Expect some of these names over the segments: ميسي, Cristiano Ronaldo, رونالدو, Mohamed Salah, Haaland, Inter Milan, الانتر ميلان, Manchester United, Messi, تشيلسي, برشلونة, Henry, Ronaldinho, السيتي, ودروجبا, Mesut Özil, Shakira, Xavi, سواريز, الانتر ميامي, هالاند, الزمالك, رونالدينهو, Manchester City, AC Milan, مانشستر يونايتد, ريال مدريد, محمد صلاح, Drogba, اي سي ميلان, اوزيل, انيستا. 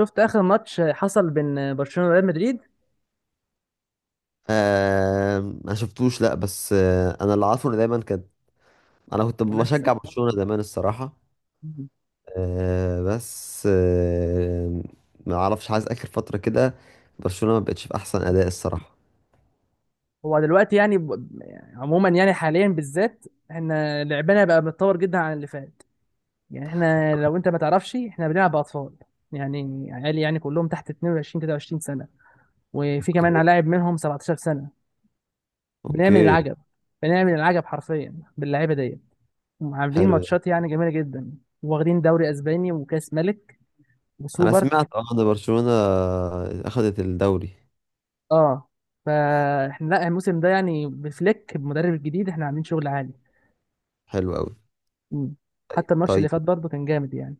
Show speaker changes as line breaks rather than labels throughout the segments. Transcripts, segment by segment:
شفت اخر ماتش حصل بين برشلونه وريال مدريد
آه ما شفتوش، لا. بس انا اللي عارفه ان دايما كانت. انا كنت بشجع
منافسه.
برشلونة زمان الصراحة. آه، بس ما اعرفش، عايز اخر فترة كده برشلونة ما بقتش في احسن اداء الصراحة.
هو دلوقتي يعني يعني عموما يعني حاليا بالذات، احنا لعبنا بقى متطور جدا عن اللي فات. يعني احنا لو انت ما تعرفش احنا بنلعب اطفال، يعني عيال يعني كلهم تحت 22 23 سنه، وفي كمان
اوكي،
لاعب منهم 17 سنه. بنعمل
اوكي.
العجب، بنعمل العجب حرفيا باللعيبه دي، عاملين
حلو ده.
ماتشات يعني جميله جدا، واخدين دوري اسباني وكاس ملك
انا
وسوبر.
سمعت ان برشلونة اخذت الدوري.
اه فاحنا لا الموسم ده يعني بفليك بمدرب الجديد احنا عاملين شغل عالي.
حلو قوي.
مم. حتى الماتش اللي
طيب.
فات برضه كان جامد يعني.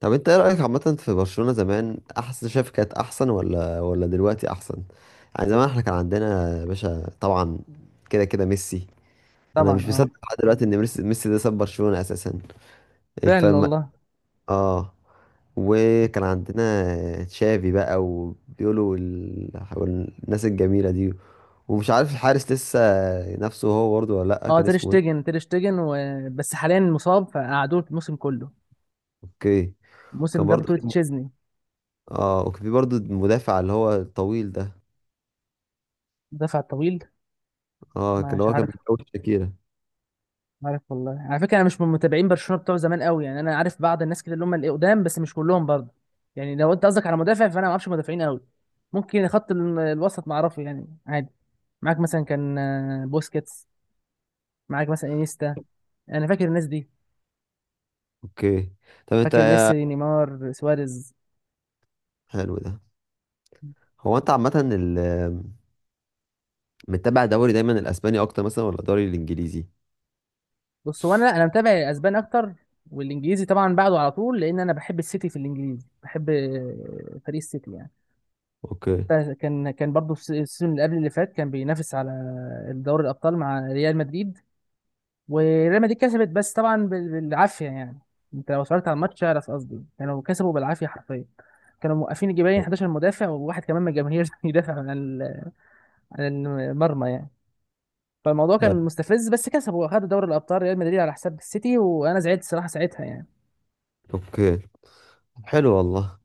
طب انت ايه رأيك عامة في برشلونة زمان؟ احسن، شايف كانت احسن ولا دلوقتي احسن؟ يعني زمان احنا كان عندنا يا باشا، طبعا، كده كده ميسي. انا
طبعا
مش
اه.
مصدق لحد دلوقتي ان ميسي ده ساب برشلونة اساسا.
فعلا
الفم.
والله.
اه. وكان عندنا تشافي بقى، وبيقولوا الناس الجميلة دي. ومش عارف الحارس، لسه نفسه هو برضه ولا لأ؟
اه
كان
تير
اسمه ايه؟
شتيجن، تير شتيجن بس حاليا مصاب فقعدوه الموسم كله.
اوكي.
الموسم
كان
ده
برضه
بطولة
في-
تشيزني.
اه، وكان في برضه المدافع اللي هو الطويل ده.
دفع طويل.
اللي
مش
هو كان
عارف.
بيتجوز شاكيرا.
عارف والله، على فكره انا مش من متابعين برشلونه بتوع زمان قوي، يعني انا عارف بعض الناس كده اللي هم القدام بس مش كلهم برضه. يعني لو انت قصدك على مدافع فانا ما اعرفش مدافعين قوي. ممكن خط الوسط ما اعرفه يعني عادي. معاك مثلا كان بوسكيتس. معاك مثلا انيستا. انا فاكر الناس دي.
اوكي. طب انت
فاكر
إيه؟
ميسي نيمار سواريز.
حلو ده. هو انت عامة متابع دوري دايما الاسباني اكتر مثلا، ولا الدوري الانجليزي؟
بص هو انا متابع الاسبان اكتر، والانجليزي طبعا بعده على طول لان انا بحب السيتي، في الانجليزي بحب فريق السيتي يعني.
اوكي.
حتى كان برضه في السيزون اللي قبل اللي فات كان بينافس على دوري الابطال مع ريال مدريد، وريال مدريد كسبت بس طبعا بالعافيه يعني. انت لو اتفرجت على الماتش اعرف قصدي، كانوا كسبوا بالعافيه حرفيا. كانوا موقفين جبالين 11 مدافع وواحد كمان من الجماهير يدافع عن عن المرمى يعني. فالموضوع كان
طيب،
مستفز بس كسبوا واخدوا دوري الابطال ريال مدريد على حساب السيتي، وانا زعلت الصراحه ساعتها يعني.
اوكي. حلو والله.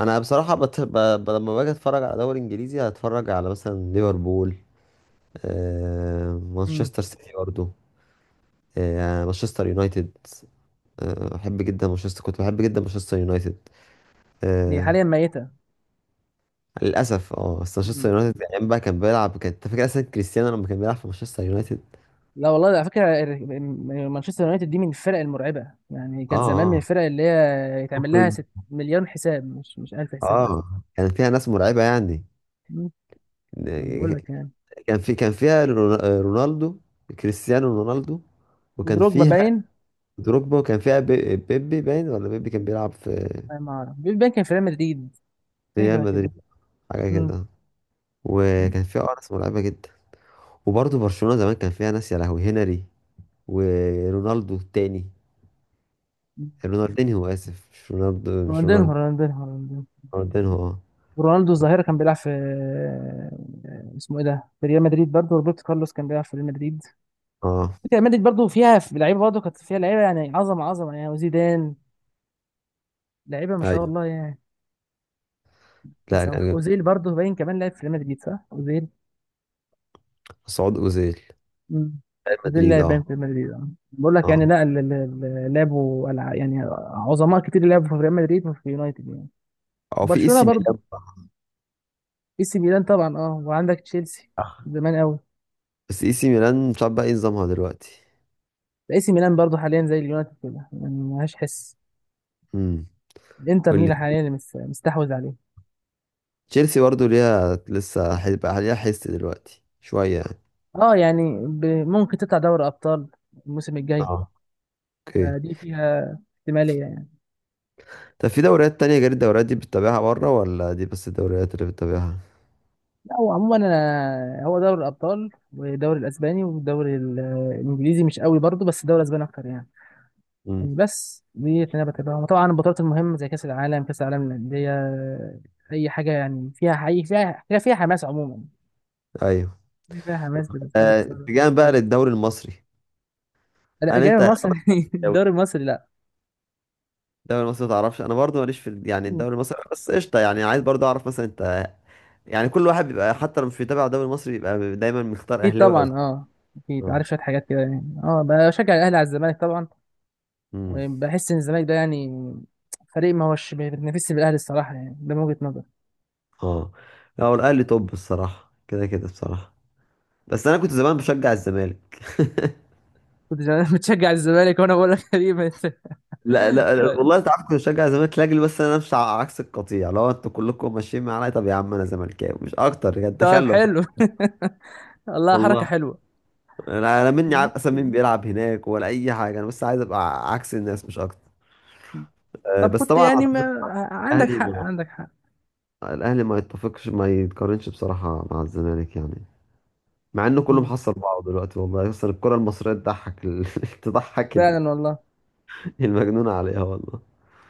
انا بصراحه لما باجي اتفرج على دوري انجليزي، هتفرج على مثلا ليفربول،
امم.
مانشستر سيتي برضه، مانشستر يونايتد. احب جدا مانشستر، كنت بحب جدا مانشستر يونايتد
هي
آه...
حاليا ميته.
للاسف. اه بس مانشستر يونايتد يعني ايام بقى كان بيلعب، كان انت فاكر اصلا كريستيانو لما كان بيلعب في مانشستر يونايتد؟
لا والله على فكره، مانشستر يونايتد دي من الفرق المرعبه يعني، كانت
اه،
زمان من
اه،
الفرق اللي هي يتعمل لها
ممكن.
ست مليون حساب، مش 1000 حساب بس.
اه، كان فيها ناس مرعبه يعني.
مم. ما انا بقول لك يعني.
كان فيها رونالدو، كريستيانو رونالدو. وكان
ودروجبا
فيها
باين.
دروجبا. كان فيها بيبي، باين ولا بيبي كان بيلعب في
أنا ما اعرف، بيل باين كان في ريال مدريد. حاجه
ريال
شبه
مدريد؟
كده.
حاجة
مم.
كده.
مم.
وكان فيها أرس مرعبة جدا. وبرضه برشلونة زمان كان فيها ناس، يا لهوي، هنري ورونالدو التاني. رونالدينيو، آسف، مش رونالدو مش
رونالدينهو
رونالدو.
رونالدينهو رونالدينهو.
رونالدينيو، اه.
رونالدو الظاهره كان بيلعب في اسمه ايه ده، في ريال مدريد برضه، روبرتو كارلوس كان بيلعب في ريال مدريد.
اه،
فكرة ريال مدريد برضه فيها، في لعيبه برضه كانت فيها لعيبه يعني عظمه عظمه يعني، وزيدان. لعيبه ما شاء
ايوه.
الله يعني.
لا، كان
تنساهمش
جامد.
اوزيل، برضه باين كمان لعب في ريال مدريد، صح اوزيل؟
مسعود أوزيل،
مم.
ريال
اوزيل
مدريد،
لعب باين
اه.
في ريال مدريد اه، بقول لك يعني،
اه،
لا لعبوا يعني عظماء كتير لعبوا في ريال مدريد وفي يونايتد يعني.
او في اي
برشلونة
سي
برضه.
ميلان بقى.
اي سي ميلان طبعا اه، وعندك تشيلسي
آه.
زمان قوي.
بس اي سي ميلان مش عارف بقى ايه نظامها دلوقتي.
اي سي ميلان برضه حاليا زي اليونايتد كده يعني ملهاش حس.
امم.
الانتر
واللي
ميلان حاليا اللي مستحوذ عليه.
تشيلسي برضه ليها لسه، هيبقى ليها حس دلوقتي شوية يعني.
اه يعني ممكن تطلع دوري ابطال الموسم الجاي.
اه، اوكي.
دي فيها احتمالية.
طب في دوريات تانية غير الدوريات دي بتتابعها بره، ولا دي بس الدوريات اللي بتتابعها؟
لا، هو عموما أنا، هو دوري الأبطال والدوري الأسباني، والدوري الإنجليزي مش قوي برضه، بس الدوري الأسباني أكتر يعني.
امم.
يعني بس دي اللي أنا بتابعها، طبعا البطولات المهمة زي كأس العالم، كأس العالم للأندية، أي حاجة يعني فيها حقيقي، فيها حماس عموما،
ايوه.
فيها حماس بتحب تتفرج.
اتجاها بقى للدوري المصري.
لا
هل انت
أجانب مصر.
الدوري،
الدوري المصري لا.
المصري ما تعرفش، انا برضو ماليش في يعني الدوري المصري، بس قشطه، يعني عايز برضو اعرف مثلا انت، يعني كل واحد بيبقى حتى لو مش بيتابع الدوري المصري بيبقى دايما مختار
أكيد
اهلاوي او
طبعا
زمالكاوي.
أه، أكيد
اه.
عارف شوية حاجات كده يعني، بشجع الأهلي على الزمالك طبعا.
امم.
وبحس إن الزمالك ده يعني فريق ما هوش بيتنافسش بالأهلي الصراحة، يعني ده من وجهة نظري.
اه. هو الاهلي توب الصراحه، كده كده بصراحه. بس انا كنت زمان بشجع الزمالك.
كنت زمان بتشجع الزمالك، وانا بقول لك غريبه انت.
لا، لا، لا،
طيب.
والله انت عارف كنت بشجع الزمالك لاجل بس انا امشي على عكس القطيع. لو انتوا كلكم ماشيين معايا، طب يا عم انا زملكاوي مش اكتر يعني،
طيب
تخلف.
حلو. والله حركه
والله
حلوه.
انا مني
مم.
عارف اصلا مين بيلعب هناك ولا اي حاجه، انا بس عايز ابقى عكس الناس مش اكتر. أه،
طب
بس
كنت
طبعا
يعني
أعتقد
ما... عندك حق،
الاهلي،
عندك حق.
ما يتفقش، ما يتقارنش بصراحه مع الزمالك يعني. مع انه كله
مم.
محصل بعضه دلوقتي والله. اصلا الكره المصريه تضحك تضحك
فعلا والله،
المجنون عليها والله.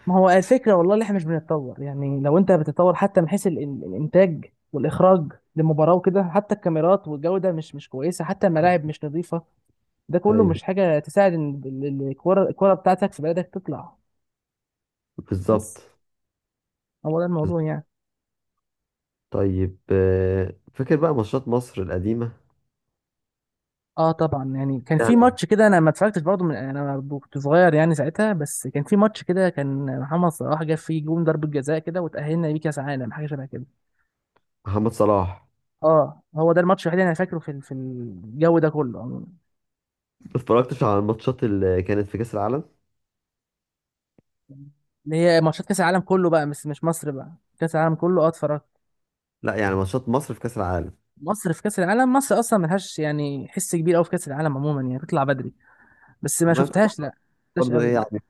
ما هو الفكره والله اللي احنا مش بنتطور، يعني لو انت بتتطور حتى من حيث الانتاج والاخراج للمباراه وكده، حتى الكاميرات والجوده مش كويسه، حتى الملاعب مش نظيفه. ده كله
ايوه،
مش حاجه تساعد ان الكره بتاعتك في بلدك تطلع. بس
بالظبط.
هو ده
بالظبط.
الموضوع يعني.
طيب، فاكر بقى ماتشات مصر القديمة؟
اه طبعا، يعني كان في
يعني
ماتش كده انا ما اتفرجتش برضه، من انا كنت صغير يعني ساعتها، بس كان في ماتش كده كان محمد صلاح جاب فيه جون ضربة جزاء كده وتأهلنا بيه كاس عالم، حاجه شبه كده.
محمد صلاح.
اه هو ده الماتش الوحيد اللي انا فاكره في في الجو ده كله عموما.
ما اتفرجتش على الماتشات اللي كانت في كأس العالم.
اللي هي ماتشات كاس العالم كله بقى، مش مصر بقى. كاس العالم كله اه اتفرجت.
لا، يعني ماتشات مصر في كأس العالم.
مصر في كاس العالم، مصر اصلا ملهاش يعني حس كبير قوي في كاس العالم عموما، يعني بتطلع بدري. بس ما
ما كنت
شفتهاش لا، ما شفتهاش
برضه
قوي
ايه
يعني.
يعني،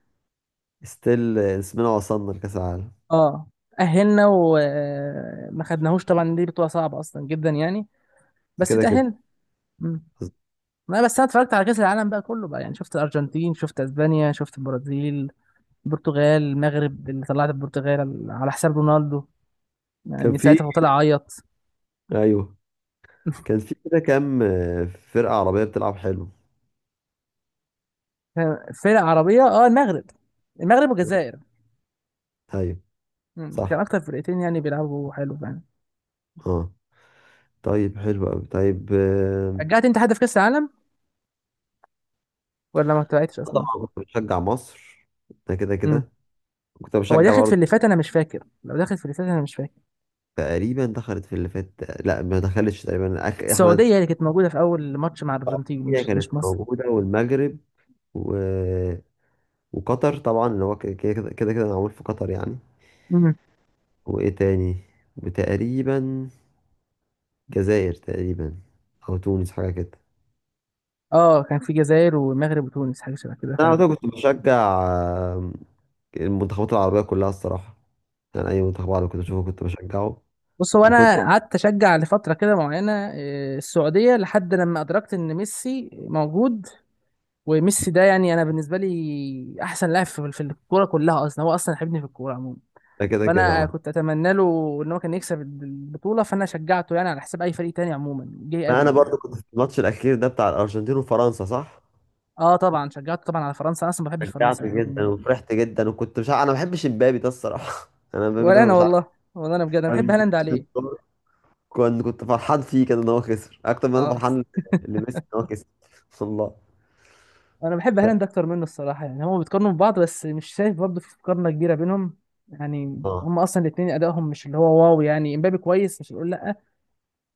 ستيل اسمنا وصلنا لكأس العالم.
اه أهلنا وما خدناهوش، طبعا دي بطولة صعبة أصلا جدا يعني، بس
كده كده.
اتأهلنا. مم. لا بس انا اتفرجت على كأس العالم بقى كله بقى، يعني شفت الارجنتين، شفت اسبانيا، شفت البرازيل، البرتغال، المغرب اللي طلعت، البرتغال على حساب رونالدو
كان
يعني،
في
ساعتها هو طلع عيط.
ايوه. كان في كده كام فرقة عربية بتلعب حلو.
فرق عربية اه، المغرب، المغرب والجزائر.
ايوه.
مم. كان
صح.
اكتر فرقتين يعني بيلعبوا حلو يعني.
اه. طيب، حلو قوي. طيب،
رجعت انت حد في كأس العالم ولا ما تبعتش اصلا؟
طبعا كنت بشجع مصر. ده كده
مم.
كده. كنت
هو
بشجع
داخل في
برضه.
اللي فات انا مش فاكر، لو داخل في اللي فات انا مش فاكر.
تقريبا دخلت في اللي فات. لا ما دخلتش، تقريبا احنا.
السعودية اللي كانت موجودة في اول ماتش مع الارجنتين،
هي
مش
كانت
مش مصر.
موجودة والمغرب و... وقطر طبعا، اللي هو كده كده كده كده معمول في قطر يعني.
مم.
وايه تاني؟ وتقريبا جزائر، تقريبا. او تونس، حاجه كده.
اه كان في جزائر والمغرب وتونس، حاجة شبه كده.
انا على طول كنت بشجع المنتخبات العربيه كلها الصراحه. يعني اي منتخب عربي كنت بشوفه كنت بشجعه.
بص هو
وكنت بشجع،
انا قعدت اشجع لفتره كده معينه السعوديه، لحد لما ادركت ان ميسي موجود. وميسي ده يعني انا بالنسبه لي احسن لاعب في الكوره كلها اصلا، هو اصلا حبني في الكوره عموما.
كده كده،
فانا
اه.
كنت اتمنى له ان هو كان يكسب البطوله، فانا شجعته يعني على حساب اي فريق تاني عموما جه
ما انا
قبله
برضو
يعني.
كنت في الماتش الاخير ده بتاع الارجنتين وفرنسا، صح؟
اه طبعا شجعته طبعا على فرنسا، انا اصلا ما بحبش فرنسا
شجعت جدا
يعني.
وفرحت جدا، وكنت مش عارف، انا ما بحبش امبابي ده الصراحه. انا امبابي
ولا
ده
انا
مش عارف.
والله، والله انا بجد انا بحب هالاند عليه.
كنت فرحان فيه كده ان هو خسر اكتر ما انا
اه.
فرحان لميسي ان هو كسب. والله.
انا بحب هالاند اكتر منه الصراحه يعني، هما بيتقارنوا ببعض بس مش شايف برضه في مقارنه كبيره بينهم يعني،
اه،
هما اصلا الاثنين ادائهم مش اللي هو واو يعني، امبابي كويس مش هنقول لا.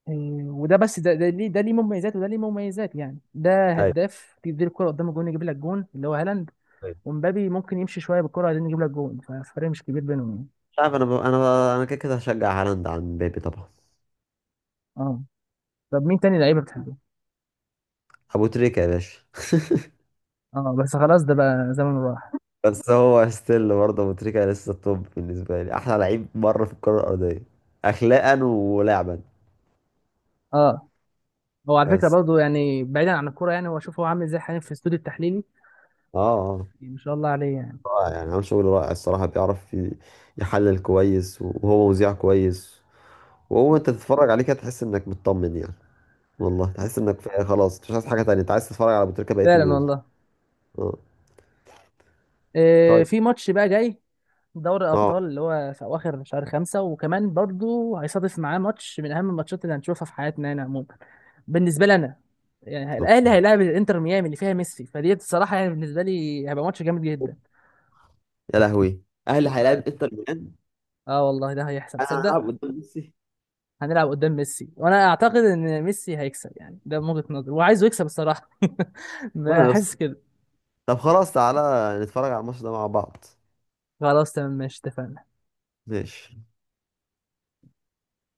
إيه، وده بس، ده ليه ده ليه مميزات وده ليه مميزات يعني، ده
ايوه،
هداف تديله الكره قدام الجون يجيب لك جون اللي هو هالاند،
ايوه.
ومبابي ممكن يمشي شويه بالكره عشان يجيب لك جون، فالفرق مش كبير بينهم يعني.
مش عارف، انا كده كده هشجع هالاند عن مبابي طبعا.
اه طب مين تاني لعيبه بتحبه؟
ابو تريكه يا باشا.
اه بس خلاص ده بقى زمن راح.
بس هو ستيل برضه ابو تريكه لسه التوب بالنسبه لي، احلى لعيب بره في الكره الارضيه، اخلاقا ولعبا.
اه هو على فكره
بس.
برضه يعني بعيدا عن الكوره، يعني هو شوف هو عامل ازاي حاليا في الاستوديو التحليلي،
اه، اه،
يعني ما شاء الله عليه يعني.
رائع يعني، عامل شغل رائع الصراحه. بيعرف يحلل كويس، وهو مذيع كويس. وهو انت تتفرج عليه كده تحس انك مطمن يعني. والله تحس انك في، خلاص مش عايز حاجه تانية، انت عايز تتفرج على ابو تريكه بقيه
فعلا
اليوم.
والله.
اه. طيب.
في ماتش بقى جاي، دوري
اه.
الابطال اللي هو في اواخر شهر خمسة، وكمان برضو هيصادف معاه ماتش من اهم الماتشات اللي هنشوفها في حياتنا هنا عموما، بالنسبه لي انا. يعني
بالظبط.
الاهلي هيلاعب الانتر ميامي اللي فيها ميسي، فدي الصراحه يعني بالنسبه لي هيبقى ماتش جامد جدا.
يا لهوي، اهلي هيلاعب
ف...
انتر ميلان.
اه والله ده هيحصل
انا
تصدق.
هلعب قدام ميسي.
هنلعب قدام ميسي وانا اعتقد ان ميسي هيكسب، يعني ده من وجهه نظري وعايزه يكسب الصراحه.
انا يا اسطى،
بحس كده.
طب خلاص، تعالى نتفرج على الماتش ده مع بعض.
خلاص تمام، ماشي اتفقنا.
ماشي.